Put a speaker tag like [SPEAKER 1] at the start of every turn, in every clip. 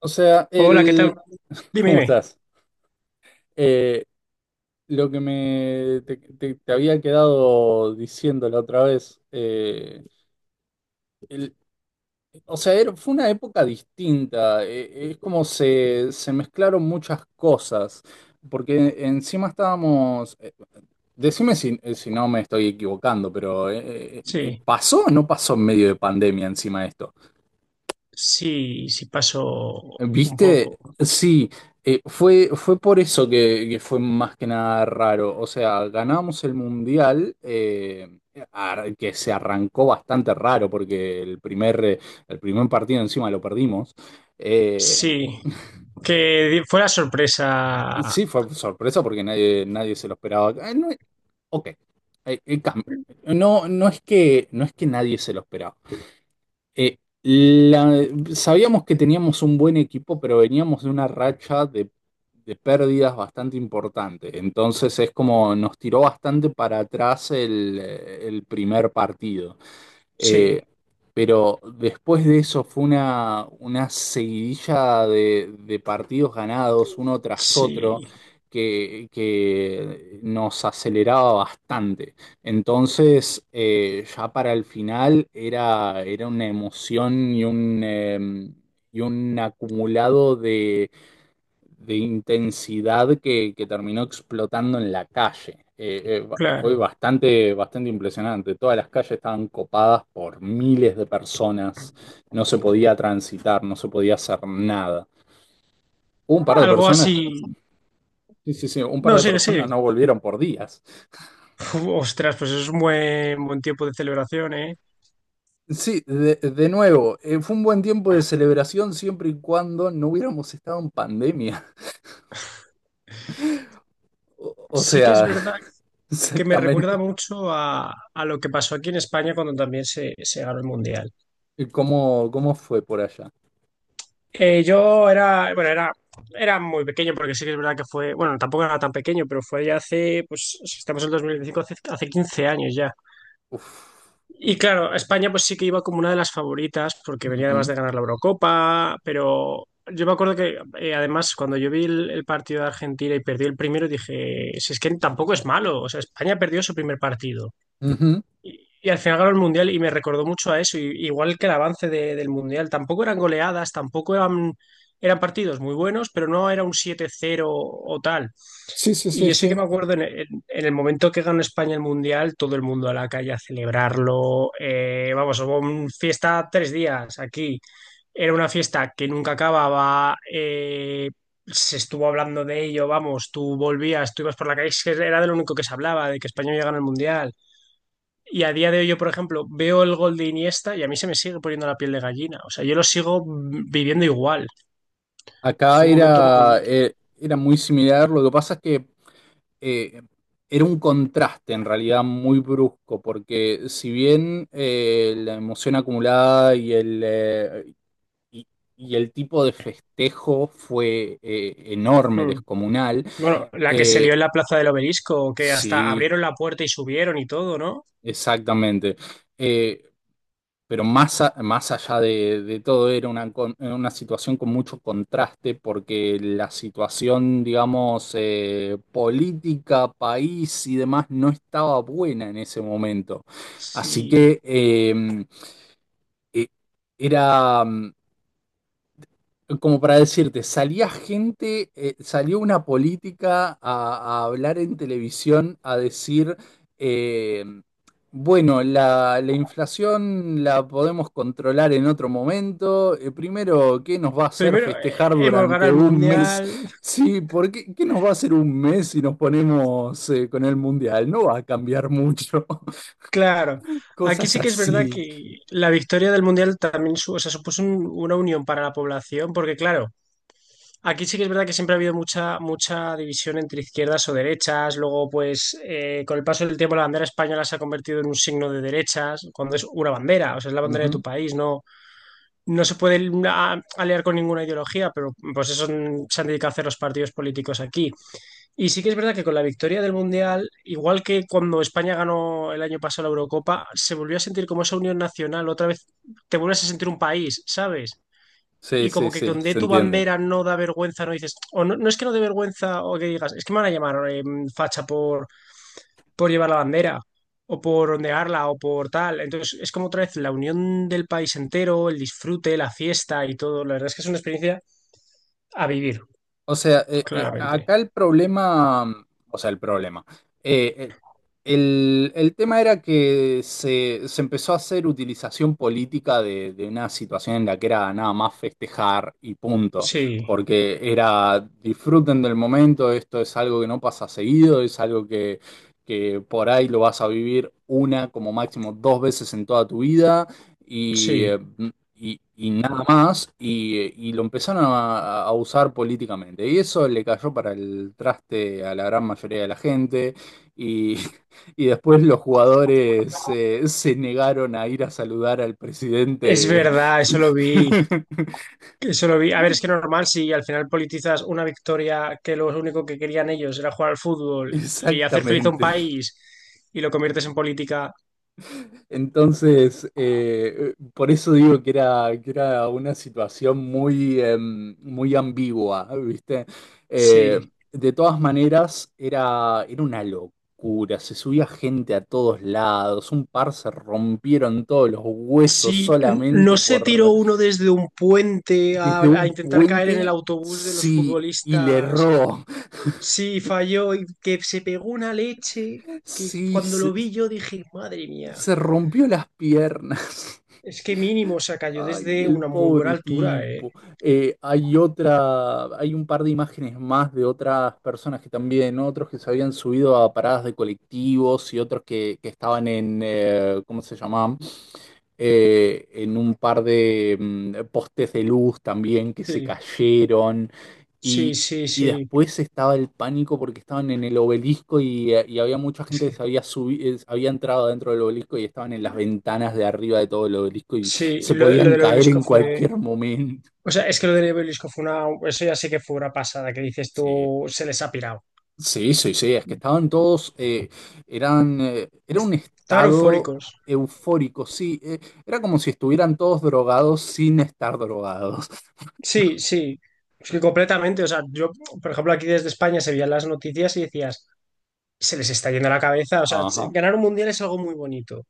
[SPEAKER 1] O sea,
[SPEAKER 2] Hola, ¿qué tal? Dime,
[SPEAKER 1] ¿Cómo
[SPEAKER 2] dime.
[SPEAKER 1] estás? Eh, lo que te había quedado diciendo la otra vez, el- o sea, fue una época distinta. Es como se mezclaron muchas cosas, porque encima estábamos. Decime si, si no me estoy equivocando, pero
[SPEAKER 2] Sí,
[SPEAKER 1] ¿pasó o no pasó en medio de pandemia encima esto?
[SPEAKER 2] sí, sí pasó un poco.
[SPEAKER 1] ¿Viste? Sí, fue por eso que fue más que nada raro. O sea, ganamos el mundial. Que se arrancó bastante raro, porque el el primer partido encima lo perdimos. Eh,
[SPEAKER 2] Sí, que fue la sorpresa.
[SPEAKER 1] sí, fue sorpresa porque nadie se lo esperaba. No, ok. Eh, eh, cam- no, no es que nadie se lo esperaba. Eh, la- Sabíamos que teníamos un buen equipo, pero veníamos de una racha de pérdidas bastante importante. Entonces es como nos tiró bastante para atrás el primer partido.
[SPEAKER 2] Sí,
[SPEAKER 1] Eh, pero después de eso fue una seguidilla de partidos ganados uno tras otro
[SPEAKER 2] sí,
[SPEAKER 1] que nos aceleraba bastante. Entonces, ya para el final era una emoción y y un acumulado de intensidad que terminó explotando en la calle. Fue
[SPEAKER 2] claro.
[SPEAKER 1] bastante impresionante. Todas las calles estaban copadas por miles de personas. No se podía transitar, no se podía hacer nada. Un par de
[SPEAKER 2] Algo
[SPEAKER 1] personas,
[SPEAKER 2] así.
[SPEAKER 1] sí, sí, sí, un par
[SPEAKER 2] No,
[SPEAKER 1] de
[SPEAKER 2] sí, sí.
[SPEAKER 1] personas no volvieron por días.
[SPEAKER 2] Uf, ostras, pues es un buen tiempo de celebración, ¿eh?
[SPEAKER 1] Sí, de nuevo, fue un buen tiempo de celebración siempre y cuando no hubiéramos estado en pandemia. O
[SPEAKER 2] Sí que es
[SPEAKER 1] sea,
[SPEAKER 2] verdad que me recuerda
[SPEAKER 1] exactamente.
[SPEAKER 2] mucho a lo que pasó aquí en España cuando también se ganó el Mundial.
[SPEAKER 1] ¿Cómo, cómo fue por allá?
[SPEAKER 2] Yo era, bueno, era muy pequeño porque sí que es verdad que fue, bueno, tampoco era tan pequeño, pero fue ya hace, pues, si estamos en el 2025, hace 15 años ya.
[SPEAKER 1] Uf.
[SPEAKER 2] Y claro, España pues sí que iba como una de las favoritas porque venía además
[SPEAKER 1] Ujú.
[SPEAKER 2] de ganar la Eurocopa, pero yo me acuerdo que además cuando yo vi el partido de Argentina y perdió el primero, dije, si es que tampoco es malo, o sea, España perdió su primer partido.
[SPEAKER 1] Ujú.
[SPEAKER 2] Y al final ganó el Mundial y me recordó mucho a eso, igual que el avance del Mundial. Tampoco eran goleadas, tampoco eran partidos muy buenos, pero no era un siete cero o tal.
[SPEAKER 1] Sí, sí,
[SPEAKER 2] Y
[SPEAKER 1] sí,
[SPEAKER 2] yo sí que
[SPEAKER 1] sí.
[SPEAKER 2] me acuerdo en el momento que ganó España el Mundial, todo el mundo a la calle a celebrarlo. Vamos, hubo una fiesta 3 días aquí. Era una fiesta que nunca acababa. Se estuvo hablando de ello, vamos, tú volvías, tú ibas por la calle, es que era de lo único que se hablaba, de que España había ganado el Mundial. Y a día de hoy yo, por ejemplo, veo el gol de Iniesta y a mí se me sigue poniendo la piel de gallina. O sea, yo lo sigo viviendo igual.
[SPEAKER 1] Acá
[SPEAKER 2] Fue un momento muy
[SPEAKER 1] era,
[SPEAKER 2] bonito.
[SPEAKER 1] era muy similar. Lo que pasa es que eh, era un contraste en realidad muy brusco, porque si bien la emoción acumulada y y, y el tipo de festejo fue enorme,
[SPEAKER 2] Mm.
[SPEAKER 1] descomunal.
[SPEAKER 2] Bueno, la que se lió
[SPEAKER 1] eh,
[SPEAKER 2] en la plaza del Obelisco, que hasta
[SPEAKER 1] sí,
[SPEAKER 2] abrieron la puerta y subieron y todo, ¿no?
[SPEAKER 1] exactamente. Eh, Pero más, más allá de todo, era una, una situación con mucho contraste, porque la situación, digamos, política, país y demás no estaba buena en ese momento. Así
[SPEAKER 2] Sí.
[SPEAKER 1] que eh, era. Como para decirte, salía gente, salió una política a hablar en televisión, a decir, eh, bueno, la inflación la podemos controlar en otro momento. Primero, ¿qué nos va a hacer
[SPEAKER 2] Primero,
[SPEAKER 1] festejar
[SPEAKER 2] hemos ganado
[SPEAKER 1] durante
[SPEAKER 2] el
[SPEAKER 1] un mes?
[SPEAKER 2] Mundial.
[SPEAKER 1] Sí, ¿por qué, qué nos va a hacer un mes si nos ponemos, con el mundial? No va a cambiar mucho.
[SPEAKER 2] Claro. Aquí
[SPEAKER 1] Cosas
[SPEAKER 2] sí que es verdad
[SPEAKER 1] así.
[SPEAKER 2] que la victoria del Mundial también o sea, supuso una unión para la población, porque claro, aquí sí que es verdad que siempre ha habido mucha, mucha división entre izquierdas o derechas. Luego, pues, con el paso del tiempo, la bandera española se ha convertido en un signo de derechas, cuando es una bandera, o sea, es la bandera de tu
[SPEAKER 1] Ujú.
[SPEAKER 2] país. No, no se puede aliar con ninguna ideología, pero pues eso se han dedicado a hacer los partidos políticos aquí. Y sí que es verdad que con la victoria del Mundial, igual que cuando España ganó el año pasado la Eurocopa, se volvió a sentir como esa unión nacional. Otra vez te vuelves a sentir un país, ¿sabes?
[SPEAKER 1] Sí,
[SPEAKER 2] Y
[SPEAKER 1] sí,
[SPEAKER 2] como que
[SPEAKER 1] sí,
[SPEAKER 2] con de
[SPEAKER 1] se
[SPEAKER 2] tu
[SPEAKER 1] entiende.
[SPEAKER 2] bandera no da vergüenza, no dices, o no, no es que no dé vergüenza o que digas, es que me van a llamar facha por llevar la bandera o por ondearla o por tal. Entonces es como otra vez la unión del país entero, el disfrute, la fiesta y todo. La verdad es que es una experiencia a vivir,
[SPEAKER 1] O sea,
[SPEAKER 2] claramente.
[SPEAKER 1] acá el problema, o sea, el problema, eh, eh, el tema era que se empezó a hacer utilización política de una situación en la que era nada más festejar y punto,
[SPEAKER 2] Sí,
[SPEAKER 1] porque era disfruten del momento, esto es algo que no pasa seguido, es algo que por ahí lo vas a vivir una, como máximo dos veces en toda tu vida. Y
[SPEAKER 2] sí.
[SPEAKER 1] y nada más, y lo empezaron a usar políticamente. Y eso le cayó para el traste a la gran mayoría de la gente, y, y después los jugadores se negaron a ir a saludar al
[SPEAKER 2] Es
[SPEAKER 1] presidente.
[SPEAKER 2] verdad, eso lo vi. Eso lo vi. A ver, es que normal si al final politizas una victoria que lo único que querían ellos era jugar al fútbol y hacer feliz a un
[SPEAKER 1] Exactamente.
[SPEAKER 2] país y lo conviertes en política.
[SPEAKER 1] Entonces, por eso digo que era una situación muy, muy ambigua, ¿viste? Eh,
[SPEAKER 2] Sí.
[SPEAKER 1] de todas maneras, era, era una locura, se subía gente a todos lados, un par se rompieron todos los huesos
[SPEAKER 2] Si no
[SPEAKER 1] solamente
[SPEAKER 2] se tiró
[SPEAKER 1] por,
[SPEAKER 2] uno desde un puente a,
[SPEAKER 1] desde
[SPEAKER 2] a
[SPEAKER 1] un
[SPEAKER 2] intentar caer en el
[SPEAKER 1] puente,
[SPEAKER 2] autobús de los
[SPEAKER 1] sí, y le
[SPEAKER 2] futbolistas,
[SPEAKER 1] erró,
[SPEAKER 2] sí falló y que se pegó una leche que
[SPEAKER 1] sí,
[SPEAKER 2] cuando lo vi yo dije, madre mía,
[SPEAKER 1] se rompió las piernas.
[SPEAKER 2] es que mínimo se cayó
[SPEAKER 1] Ay,
[SPEAKER 2] desde
[SPEAKER 1] el
[SPEAKER 2] una muy buena
[SPEAKER 1] pobre
[SPEAKER 2] altura, ¿eh?
[SPEAKER 1] tipo. Hay otra, hay un par de imágenes más de otras personas que también, ¿no? Otros que se habían subido a paradas de colectivos y otros que estaban en, ¿cómo se llamaban? En un par de postes de luz también que se
[SPEAKER 2] Sí,
[SPEAKER 1] cayeron
[SPEAKER 2] sí,
[SPEAKER 1] y,
[SPEAKER 2] sí,
[SPEAKER 1] y
[SPEAKER 2] sí.
[SPEAKER 1] después estaba el pánico porque estaban en el obelisco y había mucha
[SPEAKER 2] Es
[SPEAKER 1] gente que
[SPEAKER 2] que,
[SPEAKER 1] se había subido, había entrado dentro del obelisco y estaban en las ventanas de arriba de todo el obelisco y
[SPEAKER 2] sí,
[SPEAKER 1] se
[SPEAKER 2] lo
[SPEAKER 1] podían
[SPEAKER 2] del
[SPEAKER 1] caer
[SPEAKER 2] obelisco
[SPEAKER 1] en
[SPEAKER 2] fue...
[SPEAKER 1] cualquier momento.
[SPEAKER 2] O sea, es que lo del obelisco fue una... Eso ya sé que fue una pasada, que dices
[SPEAKER 1] Sí.
[SPEAKER 2] tú, se les ha pirado.
[SPEAKER 1] Sí, sí, sí, es que estaban todos, eran, era un
[SPEAKER 2] Estaban
[SPEAKER 1] estado
[SPEAKER 2] eufóricos.
[SPEAKER 1] eufórico, sí. Era como si estuvieran todos drogados sin estar drogados.
[SPEAKER 2] Sí, sí, es que completamente. O sea, yo, por ejemplo, aquí desde España se veían las noticias y decías, se les está yendo la cabeza. O sea,
[SPEAKER 1] Ajá,
[SPEAKER 2] ganar un mundial es algo muy bonito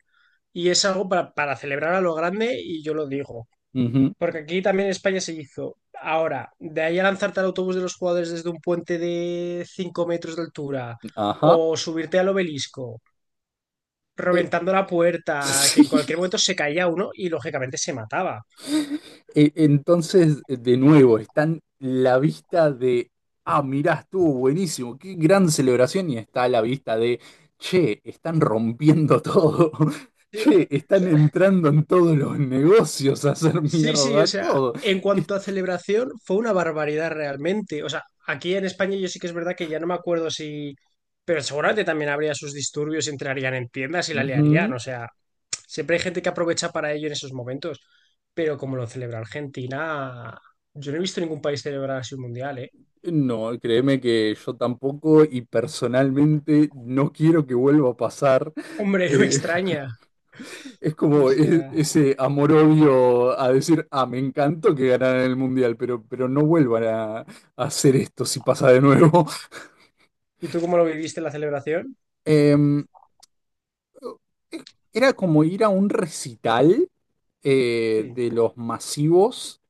[SPEAKER 2] y es algo para celebrar a lo grande y yo lo digo.
[SPEAKER 1] ujú,
[SPEAKER 2] Porque aquí también en España se hizo. Ahora, de ahí a lanzarte al autobús de los jugadores desde un puente de 5 metros de altura
[SPEAKER 1] ajá.
[SPEAKER 2] o subirte al obelisco,
[SPEAKER 1] eh,
[SPEAKER 2] reventando la puerta, que en
[SPEAKER 1] sí.
[SPEAKER 2] cualquier momento se caía uno y lógicamente se mataba.
[SPEAKER 1] Entonces, de nuevo, están la vista de, ah, mirá, estuvo buenísimo, qué gran celebración, y está la vista de, che, están rompiendo todo,
[SPEAKER 2] Tío,
[SPEAKER 1] che, están entrando en todos los negocios a hacer
[SPEAKER 2] sí, sí, o
[SPEAKER 1] mierda
[SPEAKER 2] sea,
[SPEAKER 1] todo.
[SPEAKER 2] en
[SPEAKER 1] que est-
[SPEAKER 2] cuanto a celebración, fue una barbaridad realmente. O sea, aquí en España yo sí que es verdad que ya no me acuerdo si... Pero seguramente también habría sus disturbios, entrarían en tiendas y la liarían.
[SPEAKER 1] Ujú.
[SPEAKER 2] O sea, siempre hay gente que aprovecha para ello en esos momentos. Pero como lo celebra Argentina, yo no he visto ningún país celebrar así un mundial, ¿eh?
[SPEAKER 1] No, créeme que yo tampoco y personalmente no quiero que vuelva a pasar.
[SPEAKER 2] Hombre, no me
[SPEAKER 1] Eh,
[SPEAKER 2] extraña.
[SPEAKER 1] Es
[SPEAKER 2] O
[SPEAKER 1] como
[SPEAKER 2] sea,
[SPEAKER 1] ese amor-odio a decir, ah, me encantó que ganaran el Mundial, pero no vuelvan a hacer esto si pasa de nuevo.
[SPEAKER 2] ¿y tú cómo lo viviste la celebración?
[SPEAKER 1] Em, eh, Era como ir a un recital
[SPEAKER 2] Sí,
[SPEAKER 1] de los masivos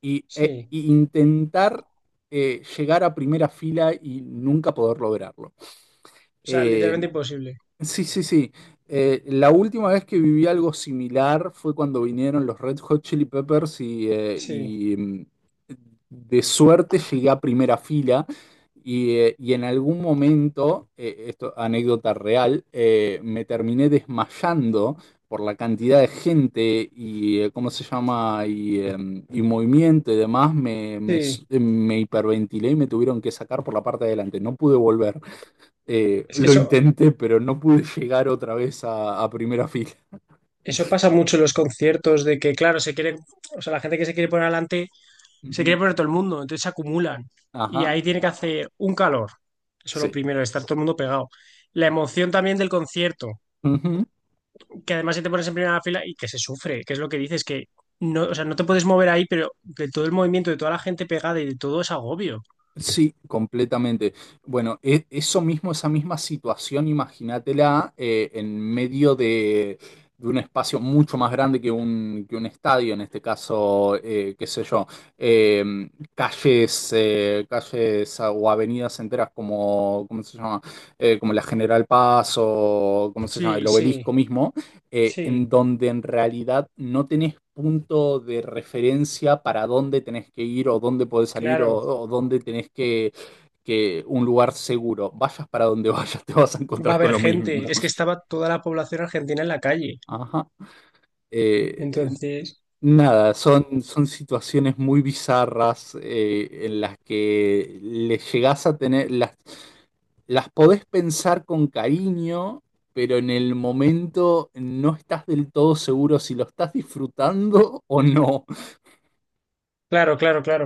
[SPEAKER 1] y,
[SPEAKER 2] sí.
[SPEAKER 1] e intentar llegar a primera fila y nunca poder lograrlo.
[SPEAKER 2] O sea, literalmente
[SPEAKER 1] Em,
[SPEAKER 2] imposible.
[SPEAKER 1] Sí, sí, sí. La última vez que viví algo similar fue cuando vinieron los Red Hot Chili Peppers y, eh,
[SPEAKER 2] Sí,
[SPEAKER 1] y, mm, de suerte llegué a primera fila y en algún momento, esto anécdota real, me terminé desmayando por la cantidad de gente y cómo se llama y, y movimiento y demás,
[SPEAKER 2] sí.
[SPEAKER 1] me hiperventilé y me tuvieron que sacar por la parte de adelante, no pude volver.
[SPEAKER 2] Es que
[SPEAKER 1] Lo
[SPEAKER 2] eso,
[SPEAKER 1] intenté, pero no pude llegar otra vez a primera fila.
[SPEAKER 2] Eso pasa mucho en los conciertos de que, claro, o sea, la gente que se quiere poner adelante, se quiere
[SPEAKER 1] Ujú.
[SPEAKER 2] poner todo el mundo, entonces se acumulan. Y
[SPEAKER 1] Ajá,
[SPEAKER 2] ahí tiene que hacer un calor. Eso es lo
[SPEAKER 1] sí.
[SPEAKER 2] primero, estar todo el mundo pegado. La emoción también del concierto,
[SPEAKER 1] Ujú.
[SPEAKER 2] que además si te pones en primera fila y que se sufre, que es lo que dices, que no, o sea, no te puedes mover ahí, pero de todo el movimiento, de toda la gente pegada y de todo es agobio.
[SPEAKER 1] Sí, completamente. Bueno, eso mismo, esa misma situación, imagínatela en medio de un espacio mucho más grande que un estadio, en este caso, qué sé yo, eh, calles, calles o avenidas enteras como, ¿cómo se llama? Como la General Paz o, ¿cómo se llama? El
[SPEAKER 2] Sí, sí,
[SPEAKER 1] obelisco mismo, en
[SPEAKER 2] sí,
[SPEAKER 1] donde en realidad no tenés punto de referencia para dónde tenés que ir o dónde podés salir
[SPEAKER 2] claro.
[SPEAKER 1] o dónde tenés que un lugar seguro. Vayas para donde vayas, te vas a
[SPEAKER 2] Va a
[SPEAKER 1] encontrar con
[SPEAKER 2] haber
[SPEAKER 1] lo
[SPEAKER 2] gente.
[SPEAKER 1] mismo.
[SPEAKER 2] Es que estaba toda la población argentina en la calle.
[SPEAKER 1] Ajá. Eh,
[SPEAKER 2] Entonces,
[SPEAKER 1] Nada, son, son situaciones muy bizarras en las que le llegás a tener, las podés pensar con cariño, pero en el momento no estás del todo seguro si lo estás disfrutando o no.
[SPEAKER 2] claro, claro, claro.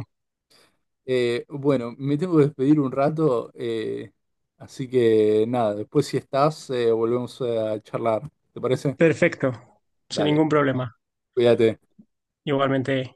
[SPEAKER 1] Bueno, me tengo que despedir un rato, así que nada, después si estás, volvemos a charlar. ¿Te parece?
[SPEAKER 2] Perfecto, sin
[SPEAKER 1] Dale,
[SPEAKER 2] ningún problema.
[SPEAKER 1] cuídate.
[SPEAKER 2] Igualmente.